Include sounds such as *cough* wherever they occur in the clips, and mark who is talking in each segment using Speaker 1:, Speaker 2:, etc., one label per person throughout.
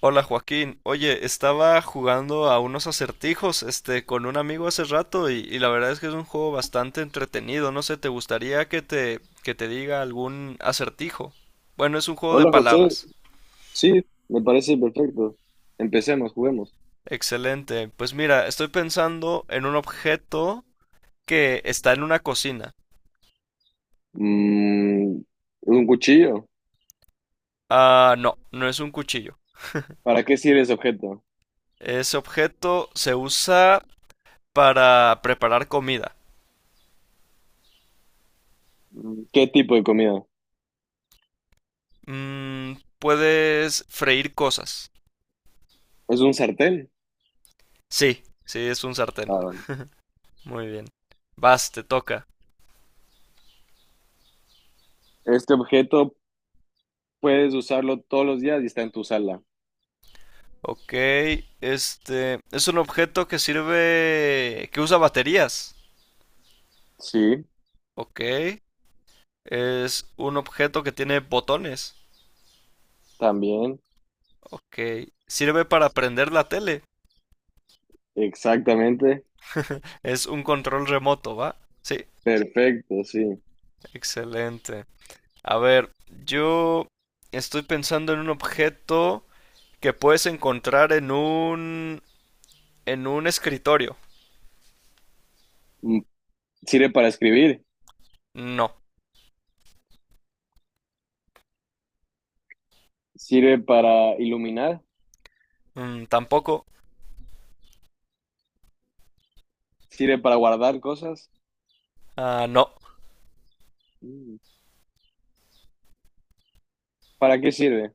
Speaker 1: Hola Joaquín, oye, estaba jugando a unos acertijos, con un amigo hace rato y la verdad es que es un juego bastante entretenido. No sé, ¿te gustaría que te diga algún acertijo? Bueno, es un juego de
Speaker 2: Hola José,
Speaker 1: palabras.
Speaker 2: sí, me parece perfecto. Empecemos, juguemos.
Speaker 1: Excelente. Pues mira, estoy pensando en un objeto que está en una cocina.
Speaker 2: Mm, un cuchillo.
Speaker 1: Ah, no, no es un cuchillo.
Speaker 2: ¿Para qué sirve ese objeto?
Speaker 1: Ese objeto se usa para preparar comida.
Speaker 2: ¿Qué tipo de comida?
Speaker 1: Mm, puedes freír cosas.
Speaker 2: ¿Es un sartén?
Speaker 1: Sí, sí, es un sartén.
Speaker 2: Ah, bueno.
Speaker 1: Muy bien. Vas, te toca.
Speaker 2: Este objeto puedes usarlo todos los días y está en tu sala.
Speaker 1: Ok, este es un objeto que usa baterías.
Speaker 2: Sí,
Speaker 1: Ok, es un objeto que tiene botones.
Speaker 2: también.
Speaker 1: Ok, sirve para prender la tele.
Speaker 2: Exactamente.
Speaker 1: Es un control remoto, ¿va? Sí,
Speaker 2: Perfecto, sí.
Speaker 1: excelente. A ver, yo estoy pensando en un objeto que puedes encontrar en un escritorio.
Speaker 2: Mm, ¿Sirve para escribir?
Speaker 1: No.
Speaker 2: ¿Sirve para iluminar?
Speaker 1: Tampoco.
Speaker 2: ¿Sirve para guardar cosas?
Speaker 1: Ah, no.
Speaker 2: Mm, ¿Para qué sirve?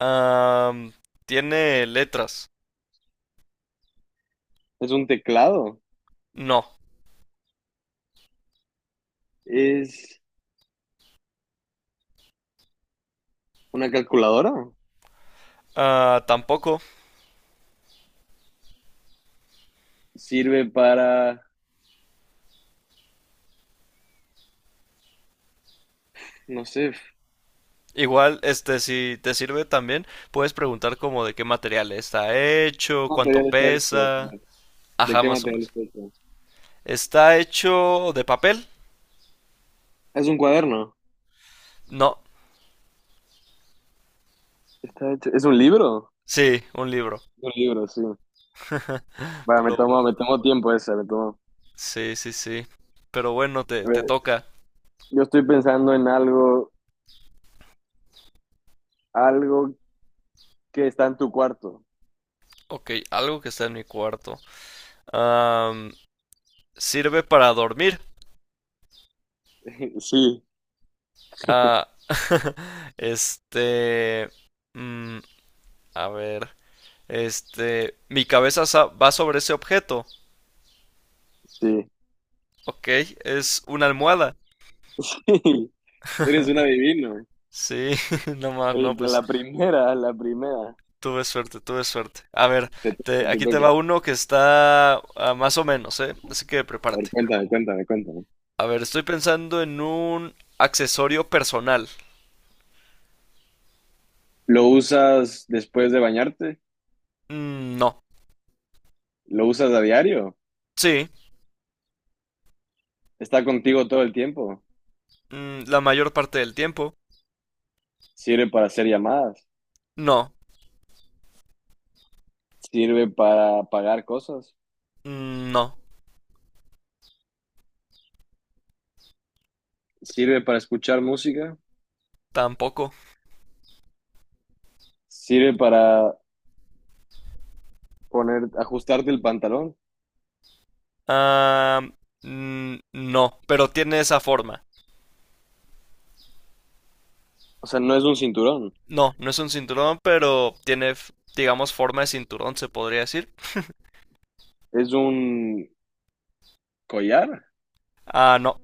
Speaker 1: Am, ¿Tiene letras?
Speaker 2: ¿Es un teclado?
Speaker 1: No.
Speaker 2: ¿Es una calculadora?
Speaker 1: Ah, tampoco.
Speaker 2: Sirve para, no sé, ¿qué
Speaker 1: Igual, si te sirve también, puedes preguntar como de qué material está hecho, cuánto
Speaker 2: material está hecho?
Speaker 1: pesa.
Speaker 2: ¿De
Speaker 1: Ajá,
Speaker 2: qué
Speaker 1: más o
Speaker 2: material
Speaker 1: menos.
Speaker 2: está hecho?
Speaker 1: ¿Está hecho de papel?
Speaker 2: Es un cuaderno.
Speaker 1: No.
Speaker 2: Está ¿Es un libro?
Speaker 1: Sí, un libro.
Speaker 2: Un libro, sí. Vale,
Speaker 1: Pero bueno.
Speaker 2: me tomo tiempo ese, me tomo.
Speaker 1: Sí, sí, sí. Pero bueno, te,
Speaker 2: A
Speaker 1: te
Speaker 2: ver,
Speaker 1: toca.
Speaker 2: yo estoy pensando en algo que está en tu cuarto.
Speaker 1: Ok, algo que está en mi cuarto. Am, ¿Sirve para dormir?
Speaker 2: *laughs* Sí,
Speaker 1: Ah, *laughs* este... mm, a ver. Mi cabeza va sobre ese objeto.
Speaker 2: sí.
Speaker 1: Ok, es una almohada.
Speaker 2: *laughs* Eres un adivino.
Speaker 1: Sí, *laughs* no más,
Speaker 2: Oye,
Speaker 1: no, pues
Speaker 2: la primera.
Speaker 1: tuve suerte, tuve suerte. A ver,
Speaker 2: Te toca, te
Speaker 1: aquí te va
Speaker 2: toca.
Speaker 1: uno que está más o menos, ¿eh? Así que
Speaker 2: A ver,
Speaker 1: prepárate.
Speaker 2: cuéntame.
Speaker 1: A ver, estoy pensando en un accesorio personal.
Speaker 2: ¿Lo usas después de bañarte?
Speaker 1: Mm, no.
Speaker 2: ¿Lo usas a diario?
Speaker 1: Sí,
Speaker 2: ¿Está contigo todo el tiempo?
Speaker 1: la mayor parte del tiempo.
Speaker 2: Sirve para hacer llamadas,
Speaker 1: No.
Speaker 2: sirve para pagar cosas,
Speaker 1: Mm, no,
Speaker 2: sirve para escuchar música,
Speaker 1: tampoco.
Speaker 2: sirve para ajustarte el pantalón.
Speaker 1: Ah, no, pero tiene esa forma.
Speaker 2: O sea, no es un cinturón,
Speaker 1: No, no es un cinturón, pero tiene, digamos, forma de cinturón, se podría decir.
Speaker 2: es un collar
Speaker 1: Ah, no.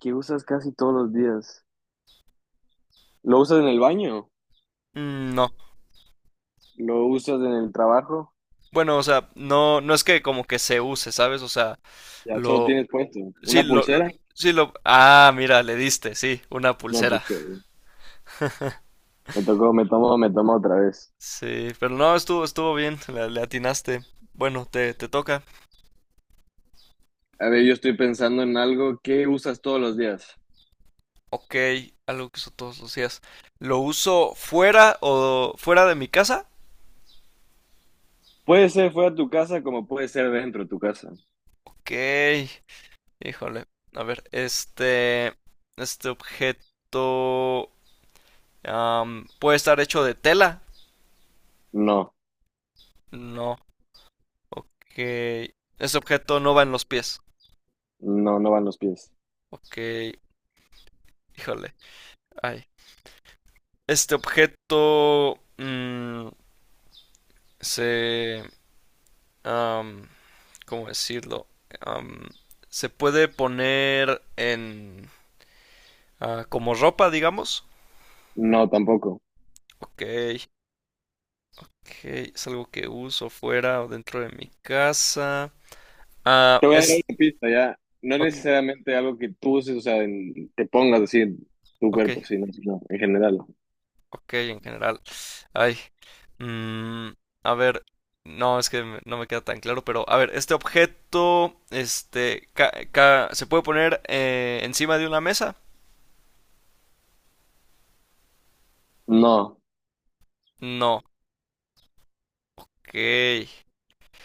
Speaker 2: que usas casi todos los días. Lo usas en el baño,
Speaker 1: Mm, no.
Speaker 2: lo usas en el trabajo,
Speaker 1: Bueno, o sea, no, no es que como que se use, ¿sabes? O sea,
Speaker 2: ya solo
Speaker 1: lo,
Speaker 2: tienes puesto.
Speaker 1: sí,
Speaker 2: Una pulsera,
Speaker 1: ah, mira, le diste, sí, una
Speaker 2: no, pues,
Speaker 1: pulsera.
Speaker 2: me tocó, me tomo otra vez.
Speaker 1: Sí, pero no, estuvo, estuvo bien, le atinaste. Bueno, te toca.
Speaker 2: A ver, yo estoy pensando en algo que usas todos los días.
Speaker 1: Ok, algo que uso todos los días. ¿Lo uso fuera de mi casa?
Speaker 2: Puede ser fuera de tu casa como puede ser dentro de tu casa.
Speaker 1: Ok, híjole. A ver, este objeto. Puede estar hecho de tela.
Speaker 2: No.
Speaker 1: No, que ese objeto no va en los pies.
Speaker 2: No, no van los pies.
Speaker 1: Ok, híjole. Ay. Este objeto se... um, ¿cómo decirlo? Um, se puede poner en... ah, como ropa, digamos.
Speaker 2: No, tampoco.
Speaker 1: Ok, ok, es algo que uso fuera o dentro de mi casa.
Speaker 2: Te voy a dar
Speaker 1: Es...
Speaker 2: una pista ya. No
Speaker 1: Ok,
Speaker 2: necesariamente algo que tú uses, o sea, te pongas así en tu
Speaker 1: ok.
Speaker 2: cuerpo, sino no, en general.
Speaker 1: Ok, en general. Ay. mm, a ver. No, es que no me queda tan claro, pero a ver, este objeto, ¿se puede poner encima de una mesa?
Speaker 2: No,
Speaker 1: No. Ok.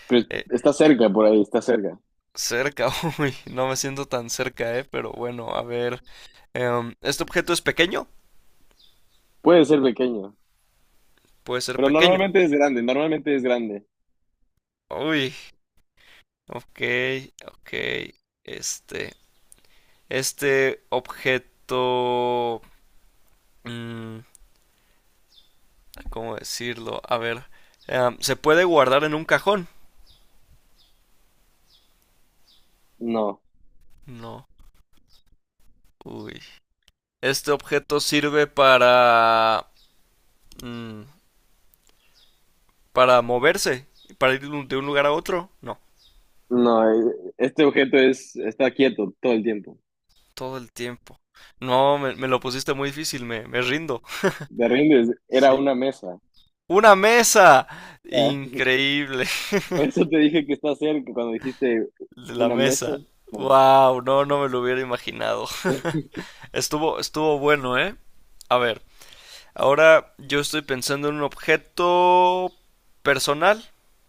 Speaker 2: pero está cerca por ahí, está cerca.
Speaker 1: Cerca, *laughs* uy, no me siento tan cerca, pero bueno, a ver. ¿Este objeto es pequeño?
Speaker 2: Puede ser pequeño,
Speaker 1: Puede ser
Speaker 2: pero
Speaker 1: pequeño.
Speaker 2: normalmente es grande, normalmente es grande.
Speaker 1: Uy, ok, ok. Este, este objeto... mm, ¿cómo decirlo? A ver. ¿Se puede guardar en un cajón?
Speaker 2: No,
Speaker 1: No. Uy. Este objeto sirve para... mm, para moverse. Para ir de un lugar a otro. No.
Speaker 2: no, este objeto es, está quieto todo el tiempo.
Speaker 1: Todo el tiempo. No, me lo pusiste muy difícil. Me rindo.
Speaker 2: De rindes, era
Speaker 1: Sí.
Speaker 2: una mesa.
Speaker 1: ¡Una mesa!
Speaker 2: Ah,
Speaker 1: Increíble.
Speaker 2: *laughs* por eso te dije que está cerca cuando dijiste
Speaker 1: La
Speaker 2: una mesa.
Speaker 1: mesa.
Speaker 2: Bueno,
Speaker 1: Wow, no, no me lo hubiera imaginado.
Speaker 2: eh,
Speaker 1: *laughs* Estuvo, estuvo bueno, ¿eh? A ver. Ahora yo estoy pensando en un objeto personal.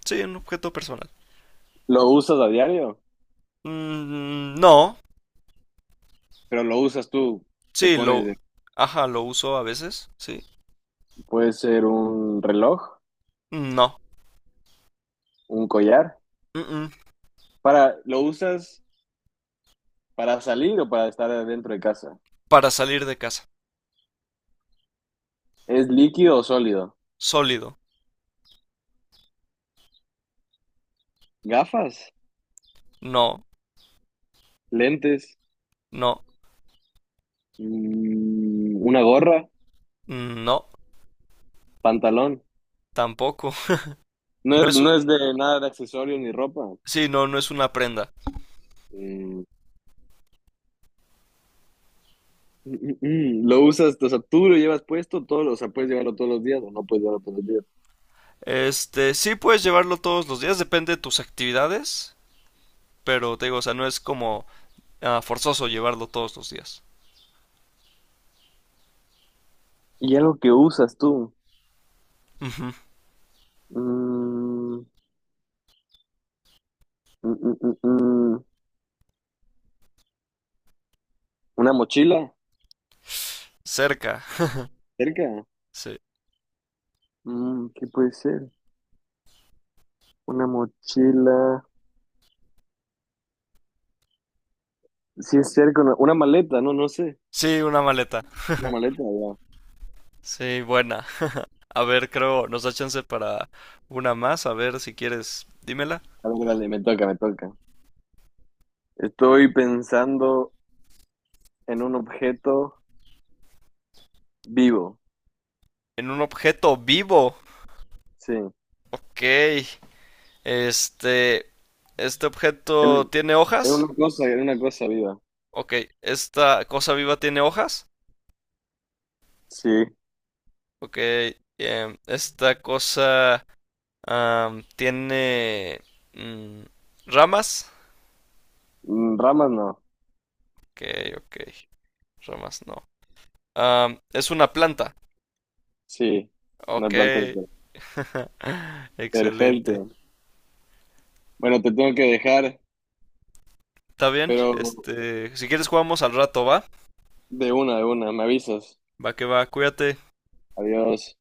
Speaker 1: Sí, un objeto personal.
Speaker 2: ¿Lo usas a diario?
Speaker 1: Mm, no.
Speaker 2: Pero lo usas tú, te
Speaker 1: Sí,
Speaker 2: pones,
Speaker 1: lo...
Speaker 2: de-
Speaker 1: Ajá, lo uso a veces. Sí.
Speaker 2: puede ser un reloj,
Speaker 1: No.
Speaker 2: un collar,
Speaker 1: Mm-mm.
Speaker 2: para, ¿lo usas para salir o para estar adentro de casa?
Speaker 1: Para salir de casa.
Speaker 2: ¿Es líquido o sólido?
Speaker 1: Sólido.
Speaker 2: ¿Gafas?
Speaker 1: No.
Speaker 2: ¿Lentes?
Speaker 1: No.
Speaker 2: ¿Una gorra?
Speaker 1: No.
Speaker 2: ¿Pantalón?
Speaker 1: Tampoco. *laughs* No es...
Speaker 2: No es de nada de accesorios ni ropa.
Speaker 1: sí, no, no es una prenda.
Speaker 2: Mm, ¿Lo usas, o sea, tú lo llevas puesto todos, o sea, puedes llevarlo todos los días o no puedes llevarlo todos los días?
Speaker 1: Este, sí puedes llevarlo todos los días, depende de tus actividades. Pero te digo, o sea, no es como ah, forzoso llevarlo todos los días.
Speaker 2: ¿Y algo que usas tú?
Speaker 1: Ujú.
Speaker 2: Mm, mm, mm, mm, mm, ¿Una mochila?
Speaker 1: Cerca.
Speaker 2: ¿Cerca?
Speaker 1: Sí.
Speaker 2: Mm, ¿qué puede ser? Una mochila. Si es cerca, una maleta, no, no sé.
Speaker 1: Sí, una maleta.
Speaker 2: Una maleta, ya.
Speaker 1: Sí, buena. A ver, creo, nos da chance para una más. A ver si quieres, dímela.
Speaker 2: A ver, dale, me toca, me toca. Estoy pensando en un objeto vivo.
Speaker 1: En un objeto vivo.
Speaker 2: Sí.
Speaker 1: Ok. Este. ¿Este objeto
Speaker 2: En,
Speaker 1: tiene
Speaker 2: en
Speaker 1: hojas?
Speaker 2: en una cosa viva.
Speaker 1: Ok. ¿Esta cosa viva tiene hojas?
Speaker 2: Sí.
Speaker 1: Ok. ¿Esta cosa tiene mm, ramas?
Speaker 2: Mm, ramas no.
Speaker 1: Ok, ok. Ramas no. Am, es una planta.
Speaker 2: Sí. Una
Speaker 1: Ok.
Speaker 2: planta de cuerpo.
Speaker 1: *laughs* Excelente.
Speaker 2: Perfecto. Bueno, te tengo que dejar,
Speaker 1: Está bien,
Speaker 2: pero
Speaker 1: este, si quieres jugamos al rato, ¿va?
Speaker 2: de una, de una. Me avisas.
Speaker 1: Va que va, cuídate.
Speaker 2: Adiós.